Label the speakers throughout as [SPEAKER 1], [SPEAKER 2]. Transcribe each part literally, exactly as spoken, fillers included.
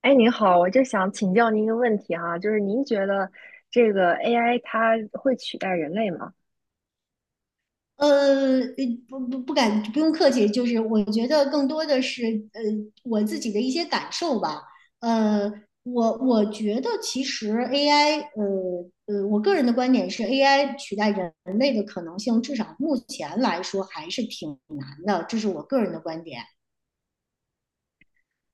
[SPEAKER 1] 哎，您好，我就想请教您一个问题哈，就是您觉得这个 A I 它会取代人类吗？
[SPEAKER 2] 呃，呃不不不敢，不用客气，就是我觉得更多的是呃我自己的一些感受吧。呃，我我觉得其实 A I，呃呃，我个人的观点是 A I 取代人类的可能性，至少目前来说还是挺难的，这是我个人的观点。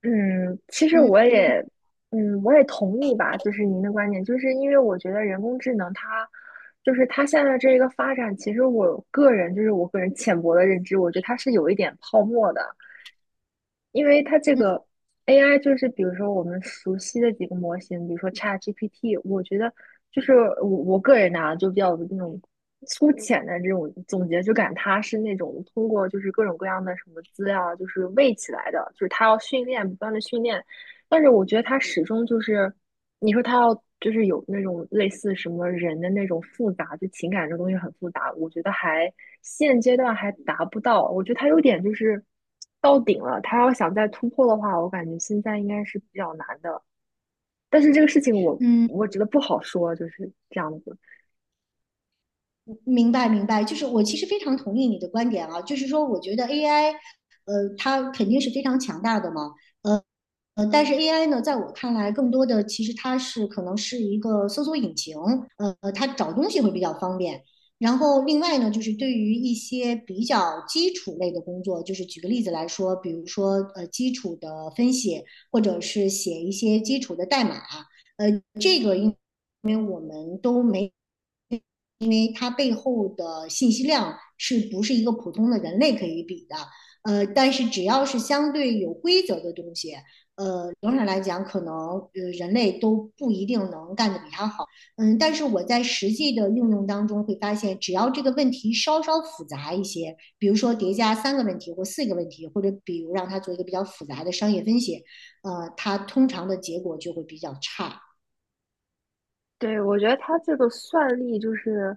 [SPEAKER 1] 嗯，其实我
[SPEAKER 2] 嗯
[SPEAKER 1] 也，嗯，我也同意吧，就是您的观点。就是因为我觉得人工智能它，就是它现在这一个发展，其实我个人就是我个人浅薄的认知，我觉得它是有一点泡沫的。因为它这
[SPEAKER 2] 嗯
[SPEAKER 1] 个 A I 就是比如说我们熟悉的几个模型，比如说 ChatGPT，我觉得就是我我个人呢、就比较有那种粗浅的这种总结，就感它是那种通过就是各种各样的什么资料就是喂起来的，就是它要训练不断的训练，但是我觉得它始终就是。你说他要就是有那种类似什么人的那种复杂，就情感这东西很复杂，我觉得还现阶段还达不到。我觉得他有点就是到顶了，他要想再突破的话，我感觉现在应该是比较难的。但是这个事情我
[SPEAKER 2] 嗯，
[SPEAKER 1] 我觉得不好说，就是这样子。
[SPEAKER 2] 明白明白，就是我其实非常同意你的观点啊，就是说我觉得 A I,呃，它肯定是非常强大的嘛。呃。呃，但是 A I 呢，在我看来，更多的其实它是可能是一个搜索引擎，呃，它找东西会比较方便。然后另外呢，就是对于一些比较基础类的工作，就是举个例子来说，比如说呃基础的分析，或者是写一些基础的代码，呃，这个应因为我们都没，因为它背后的信息量是不是一个普通的人类可以比的？呃，但是只要是相对有规则的东西，呃，总体来讲，可能呃人类都不一定能干得比它好。嗯，但是我在实际的应用当中会发现，只要这个问题稍稍复杂一些，比如说叠加三个问题或四个问题，或者比如让它做一个比较复杂的商业分析，呃，它通常的结果就会比较差。
[SPEAKER 1] 对，我觉得他这个算力就是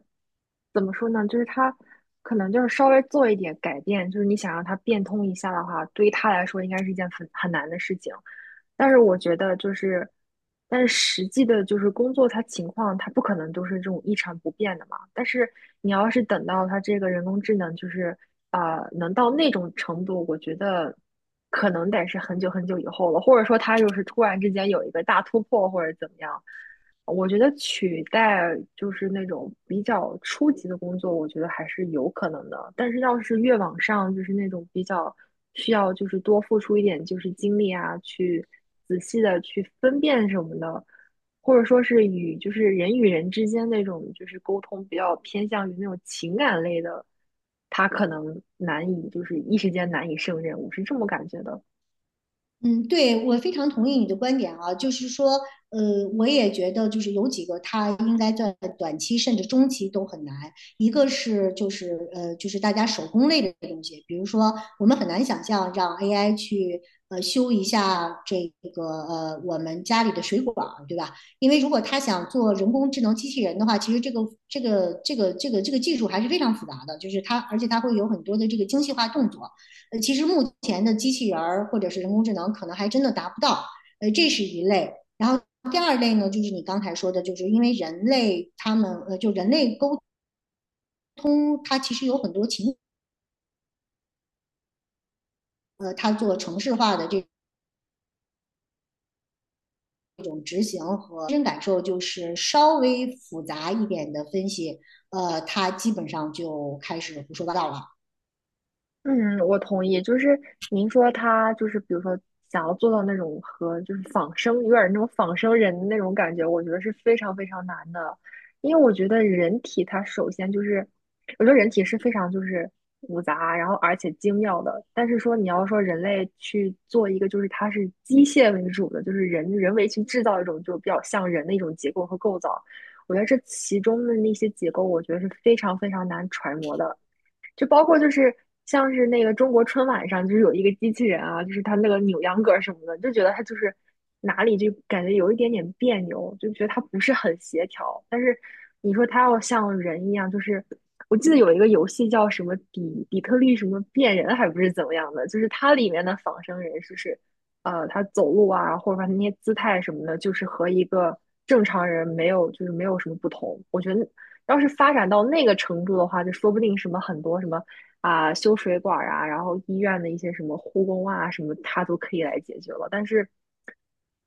[SPEAKER 1] 怎么说呢？就是他可能就是稍微做一点改变，就是你想让他变通一下的话，对于他来说应该是一件很很难的事情。但是我觉得就是，但是实际的就是工作他情况，他不可能都是这种一成不变的嘛。但是你要是等到他这个人工智能就是呃能到那种程度，我觉得可能得是很久很久以后了，或者说他就是突然之间有一个大突破或者怎么样。我觉得取代就是那种比较初级的工作，我觉得还是有可能的。但是要是越往上，就是那种比较需要就是多付出一点就是精力啊，去仔细的去分辨什么的，或者说是与就是人与人之间那种就是沟通比较偏向于那种情感类的，他可能难以就是一时间难以胜任，我是这么感觉的。
[SPEAKER 2] 嗯，对，我非常同意你的观点啊，就是说，呃，我也觉得就是有几个它应该在短期甚至中期都很难。一个是就是呃就是大家手工类的东西，比如说我们很难想象让 A I 去呃修一下这个呃我们家里的水管儿，对吧？因为如果他想做人工智能机器人的话，其实这个这个这个这个这个技术还是非常复杂的，就是它而且它会有很多的这个精细化动作。呃，其实目前的机器人儿或者是人工智能可能还真的达不到，呃，这是一类。然后第二类呢，就是你刚才说的，就是因为人类他们呃，就人类沟通，它其实有很多情。呃，它做程式化的这种执行和真感受，就是稍微复杂一点的分析，呃，它基本上就开始胡说八道了。
[SPEAKER 1] 嗯，我同意。就是您说他就是，比如说想要做到那种和就是仿生，有点儿那种仿生人的那种感觉，我觉得是非常非常难的。因为我觉得人体它首先就是，我觉得人体是非常就是复杂，然后而且精妙的。但是说你要说人类去做一个就是它是机械为主的，就是人人为去制造一种就比较像人的一种结构和构造，我觉得这其中的那些结构，我觉得是非常非常难揣摩的。就包括就是像是那个中国春晚上，就是有一个机器人啊，就是他那个扭秧歌儿什么的，就觉得他就是哪里就感觉有一点点别扭，就觉得他不是很协调。但是你说他要像人一样，就是我记得有一个游戏叫什么底底特律什么变人，还不是怎么样的，就是它里面的仿生人就是呃，他走路啊，或者说他那些姿态什么的，就是和一个正常人没有就是没有什么不同。我觉得要是发展到那个程度的话，就说不定什么很多什么啊、修水管儿啊，然后医院的一些什么护工啊什么，他都可以来解决了。但是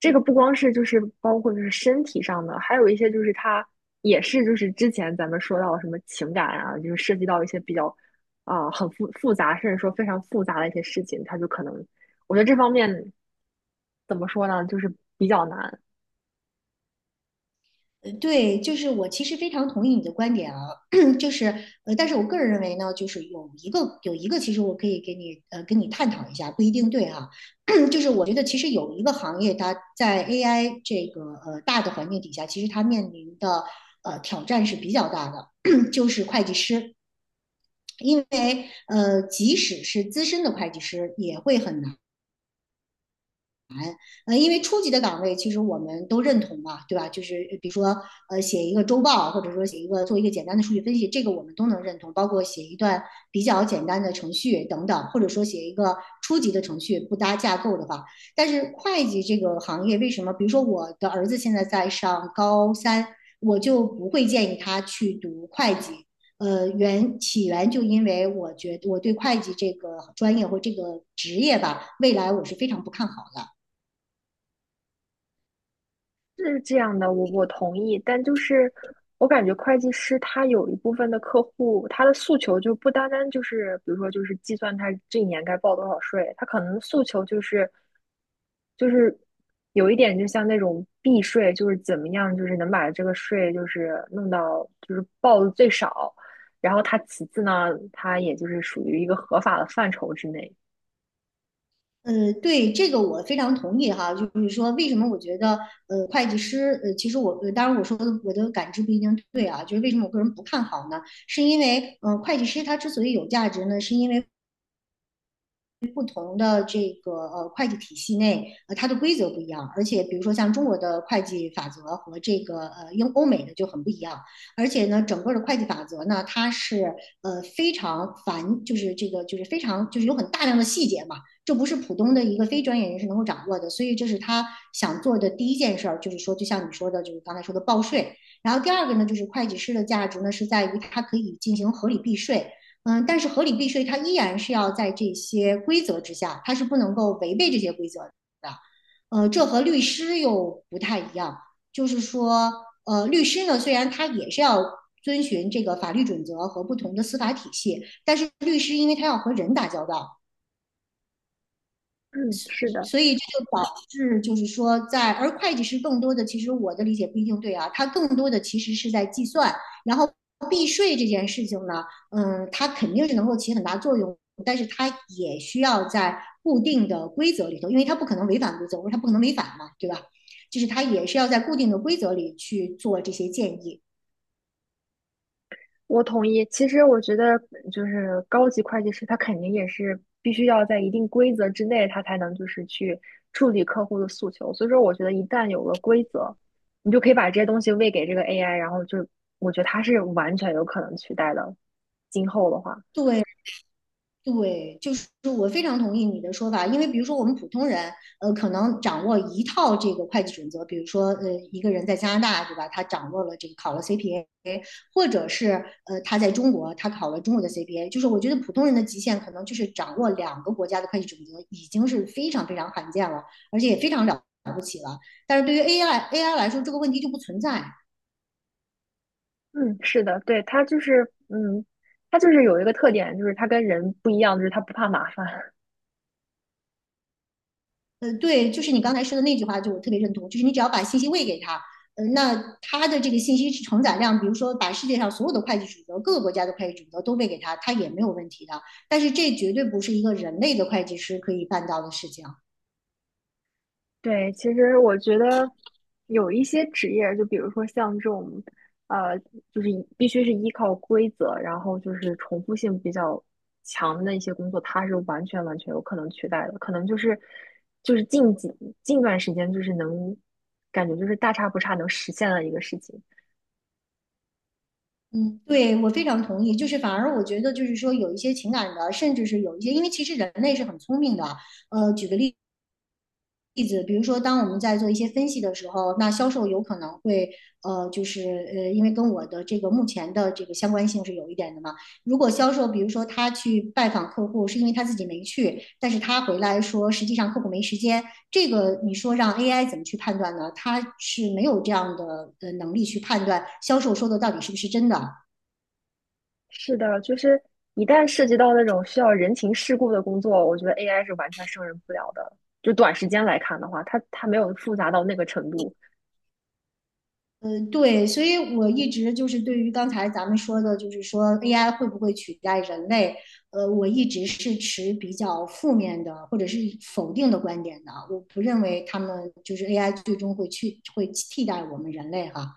[SPEAKER 1] 这个不光是就是包括就是身体上的，还有一些就是他也是就是之前咱们说到的什么情感啊，就是涉及到一些比较啊、很复复杂，甚至说非常复杂的一些事情，他就可能我觉得这方面怎么说呢，就是比较难。
[SPEAKER 2] 呃对，就是我其实非常同意你的观点啊，就是呃，但是我个人认为呢，就是有一个有一个，其实我可以给你呃跟你探讨一下，不一定对哈、就是我觉得其实有一个行业，它在 A I 这个呃大的环境底下，其实它面临的呃挑战是比较大的，就是会计师，因为呃即使是资深的会计师也会很难，呃，因为初级的岗位其实我们都认同嘛，对吧？就是呃比如说呃写一个周报，或者说写一个做一个简单的数据分析，这个我们都能认同，包括写一段比较简单的程序等等，或者说写一个初级的程序不搭架构的话。但是会计这个行业为什么？比如说我的儿子现在在上高三，我就不会建议他去读会计。呃，原起源就因为我觉得我对会计这个专业或这个职业吧，未来我是非常不看好的。
[SPEAKER 1] 是这样的，我我同意，但就是我感觉会计师他有一部分的客户，他的诉求就不单单就是，比如说就是计算他这一年该报多少税，他可能诉求就是就是有一点就像那种避税，就是怎么样，就是能把这个税就是弄到就是报的最少，然后他其次呢，他也就是属于一个合法的范畴之内。
[SPEAKER 2] 呃，对，这个我非常同意哈，就是说为什么我觉得呃会计师呃，其实我呃当然我说的我的感知不一定对啊，就是为什么我个人不看好呢？是因为呃会计师他之所以有价值呢，是因为不同的这个呃会计体系内，呃它的规则不一样，而且比如说像中国的会计法则和这个呃英欧美的就很不一样，而且呢，整个的会计法则呢，它是呃非常繁，就是这个就是非常就是有很大量的细节嘛，这不是普通的一个非专业人士能够掌握的，所以这是他想做的第一件事儿，就是说就像你说的，就是刚才说的报税，然后第二个呢，就是会计师的价值呢是在于它可以进行合理避税。嗯，但是合理避税它依然是要在这些规则之下，它是不能够违背这些规则的。呃，这和律师又不太一样，就是说，呃，律师呢虽然他也是要遵循这个法律准则和不同的司法体系，但是律师因为他要和人打交道，
[SPEAKER 1] 嗯，是的。
[SPEAKER 2] 所以这就导致，就是说在，而会计师更多的，其实我的理解不一定对啊，他更多的其实是在计算，然后避税这件事情呢，嗯，它肯定是能够起很大作用，但是它也需要在固定的规则里头，因为它不可能违反规则，我说它不可能违反嘛，对吧？就是它也是要在固定的规则里去做这些建议。
[SPEAKER 1] 我同意。其实我觉得，就是高级会计师，他肯定也是必须要在一定规则之内，他才能就是去处理客户的诉求。所以说，我觉得一旦有了规则，你就可以把这些东西喂给这个 A I,然后就我觉得它是完全有可能取代的。今后的话，
[SPEAKER 2] 对，对，就是我非常同意你的说法，因为比如说我们普通人，呃，可能掌握一套这个会计准则，比如说，呃，一个人在加拿大，对吧？他掌握了这个考了 C P A，或者是呃他在中国，他考了中国的 C P A，就是我觉得普通人的极限可能就是掌握两个国家的会计准则，已经是非常非常罕见了，而且也非常了不起了。但是对于 A I A I 来说，这个问题就不存在，
[SPEAKER 1] 嗯，是的，对，它就是，嗯，它就是有一个特点，就是它跟人不一样，就是它不怕麻烦。
[SPEAKER 2] 呃，对，就是你刚才说的那句话，就我特别认同，就是你只要把信息喂给他，呃，那他的这个信息承载量，比如说把世界上所有的会计准则、各个国家的会计准则都喂给他，他也没有问题的。但是这绝对不是一个人类的会计师可以办到的事情。
[SPEAKER 1] 对，其实我觉得有一些职业，就比如说像这种，呃，就是依必须是依靠规则，然后就是重复性比较强的一些工作，它是完全完全有可能取代的。可能就是就是近几近段时间，就是能感觉就是大差不差能实现的一个事情。
[SPEAKER 2] 嗯，对，我非常同意。就是反而我觉得，就是说有一些情感的，甚至是有一些，因为其实人类是很聪明的。呃，举个例例子，比如说，当我们在做一些分析的时候，那销售有可能会，呃，就是呃，因为跟我的这个目前的这个相关性是有一点的嘛。如果销售，比如说他去拜访客户，是因为他自己没去，但是他回来说，实际上客户没时间，这个你说让 A I 怎么去判断呢？他是没有这样的呃能力去判断销售说的到底是不是真的。
[SPEAKER 1] 是的，就是一旦涉及到那种需要人情世故的工作，我觉得 A I 是完全胜任不了的。就短时间来看的话，它它没有复杂到那个程度。
[SPEAKER 2] 呃，对，所以我一直就是对于刚才咱们说的，就是说 A I 会不会取代人类，呃，我一直是持比较负面的或者是否定的观点的。我不认为他们就是 A I 最终会去会替代我们人类哈。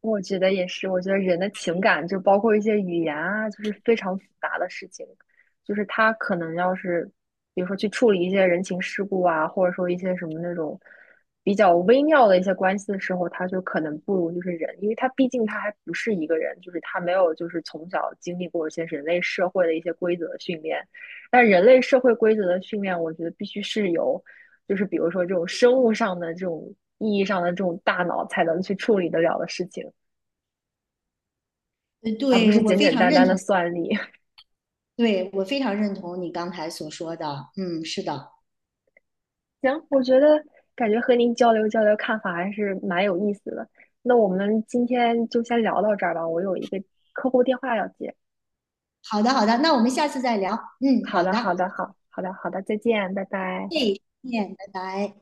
[SPEAKER 1] 我觉得也是，我觉得人的情感就包括一些语言啊，就是非常复杂的事情，就是他可能要是，比如说去处理一些人情世故啊，或者说一些什么那种比较微妙的一些关系的时候，他就可能不如就是人，因为他毕竟他还不是一个人，就是他没有就是从小经历过一些人类社会的一些规则的训练，但人类社会规则的训练，我觉得必须是由。就是比如说这种生物上的这种意义上的这种大脑才能去处理得了的事情。
[SPEAKER 2] 呃，
[SPEAKER 1] 而不
[SPEAKER 2] 对，
[SPEAKER 1] 是
[SPEAKER 2] 我
[SPEAKER 1] 简
[SPEAKER 2] 非
[SPEAKER 1] 简
[SPEAKER 2] 常
[SPEAKER 1] 单
[SPEAKER 2] 认
[SPEAKER 1] 单的
[SPEAKER 2] 同，
[SPEAKER 1] 算力。
[SPEAKER 2] 对，我非常认同你刚才所说的。嗯，是的，
[SPEAKER 1] 行，我觉得感觉和您交流交流看法还是蛮有意思的。那我们今天就先聊到这儿吧，我有一个客户电话要接。
[SPEAKER 2] 好的，好的，那我们下次再聊。嗯，
[SPEAKER 1] 好
[SPEAKER 2] 好
[SPEAKER 1] 的，
[SPEAKER 2] 的，哎
[SPEAKER 1] 好的，好，好的，好的，再见，拜拜。
[SPEAKER 2] 再见，拜拜。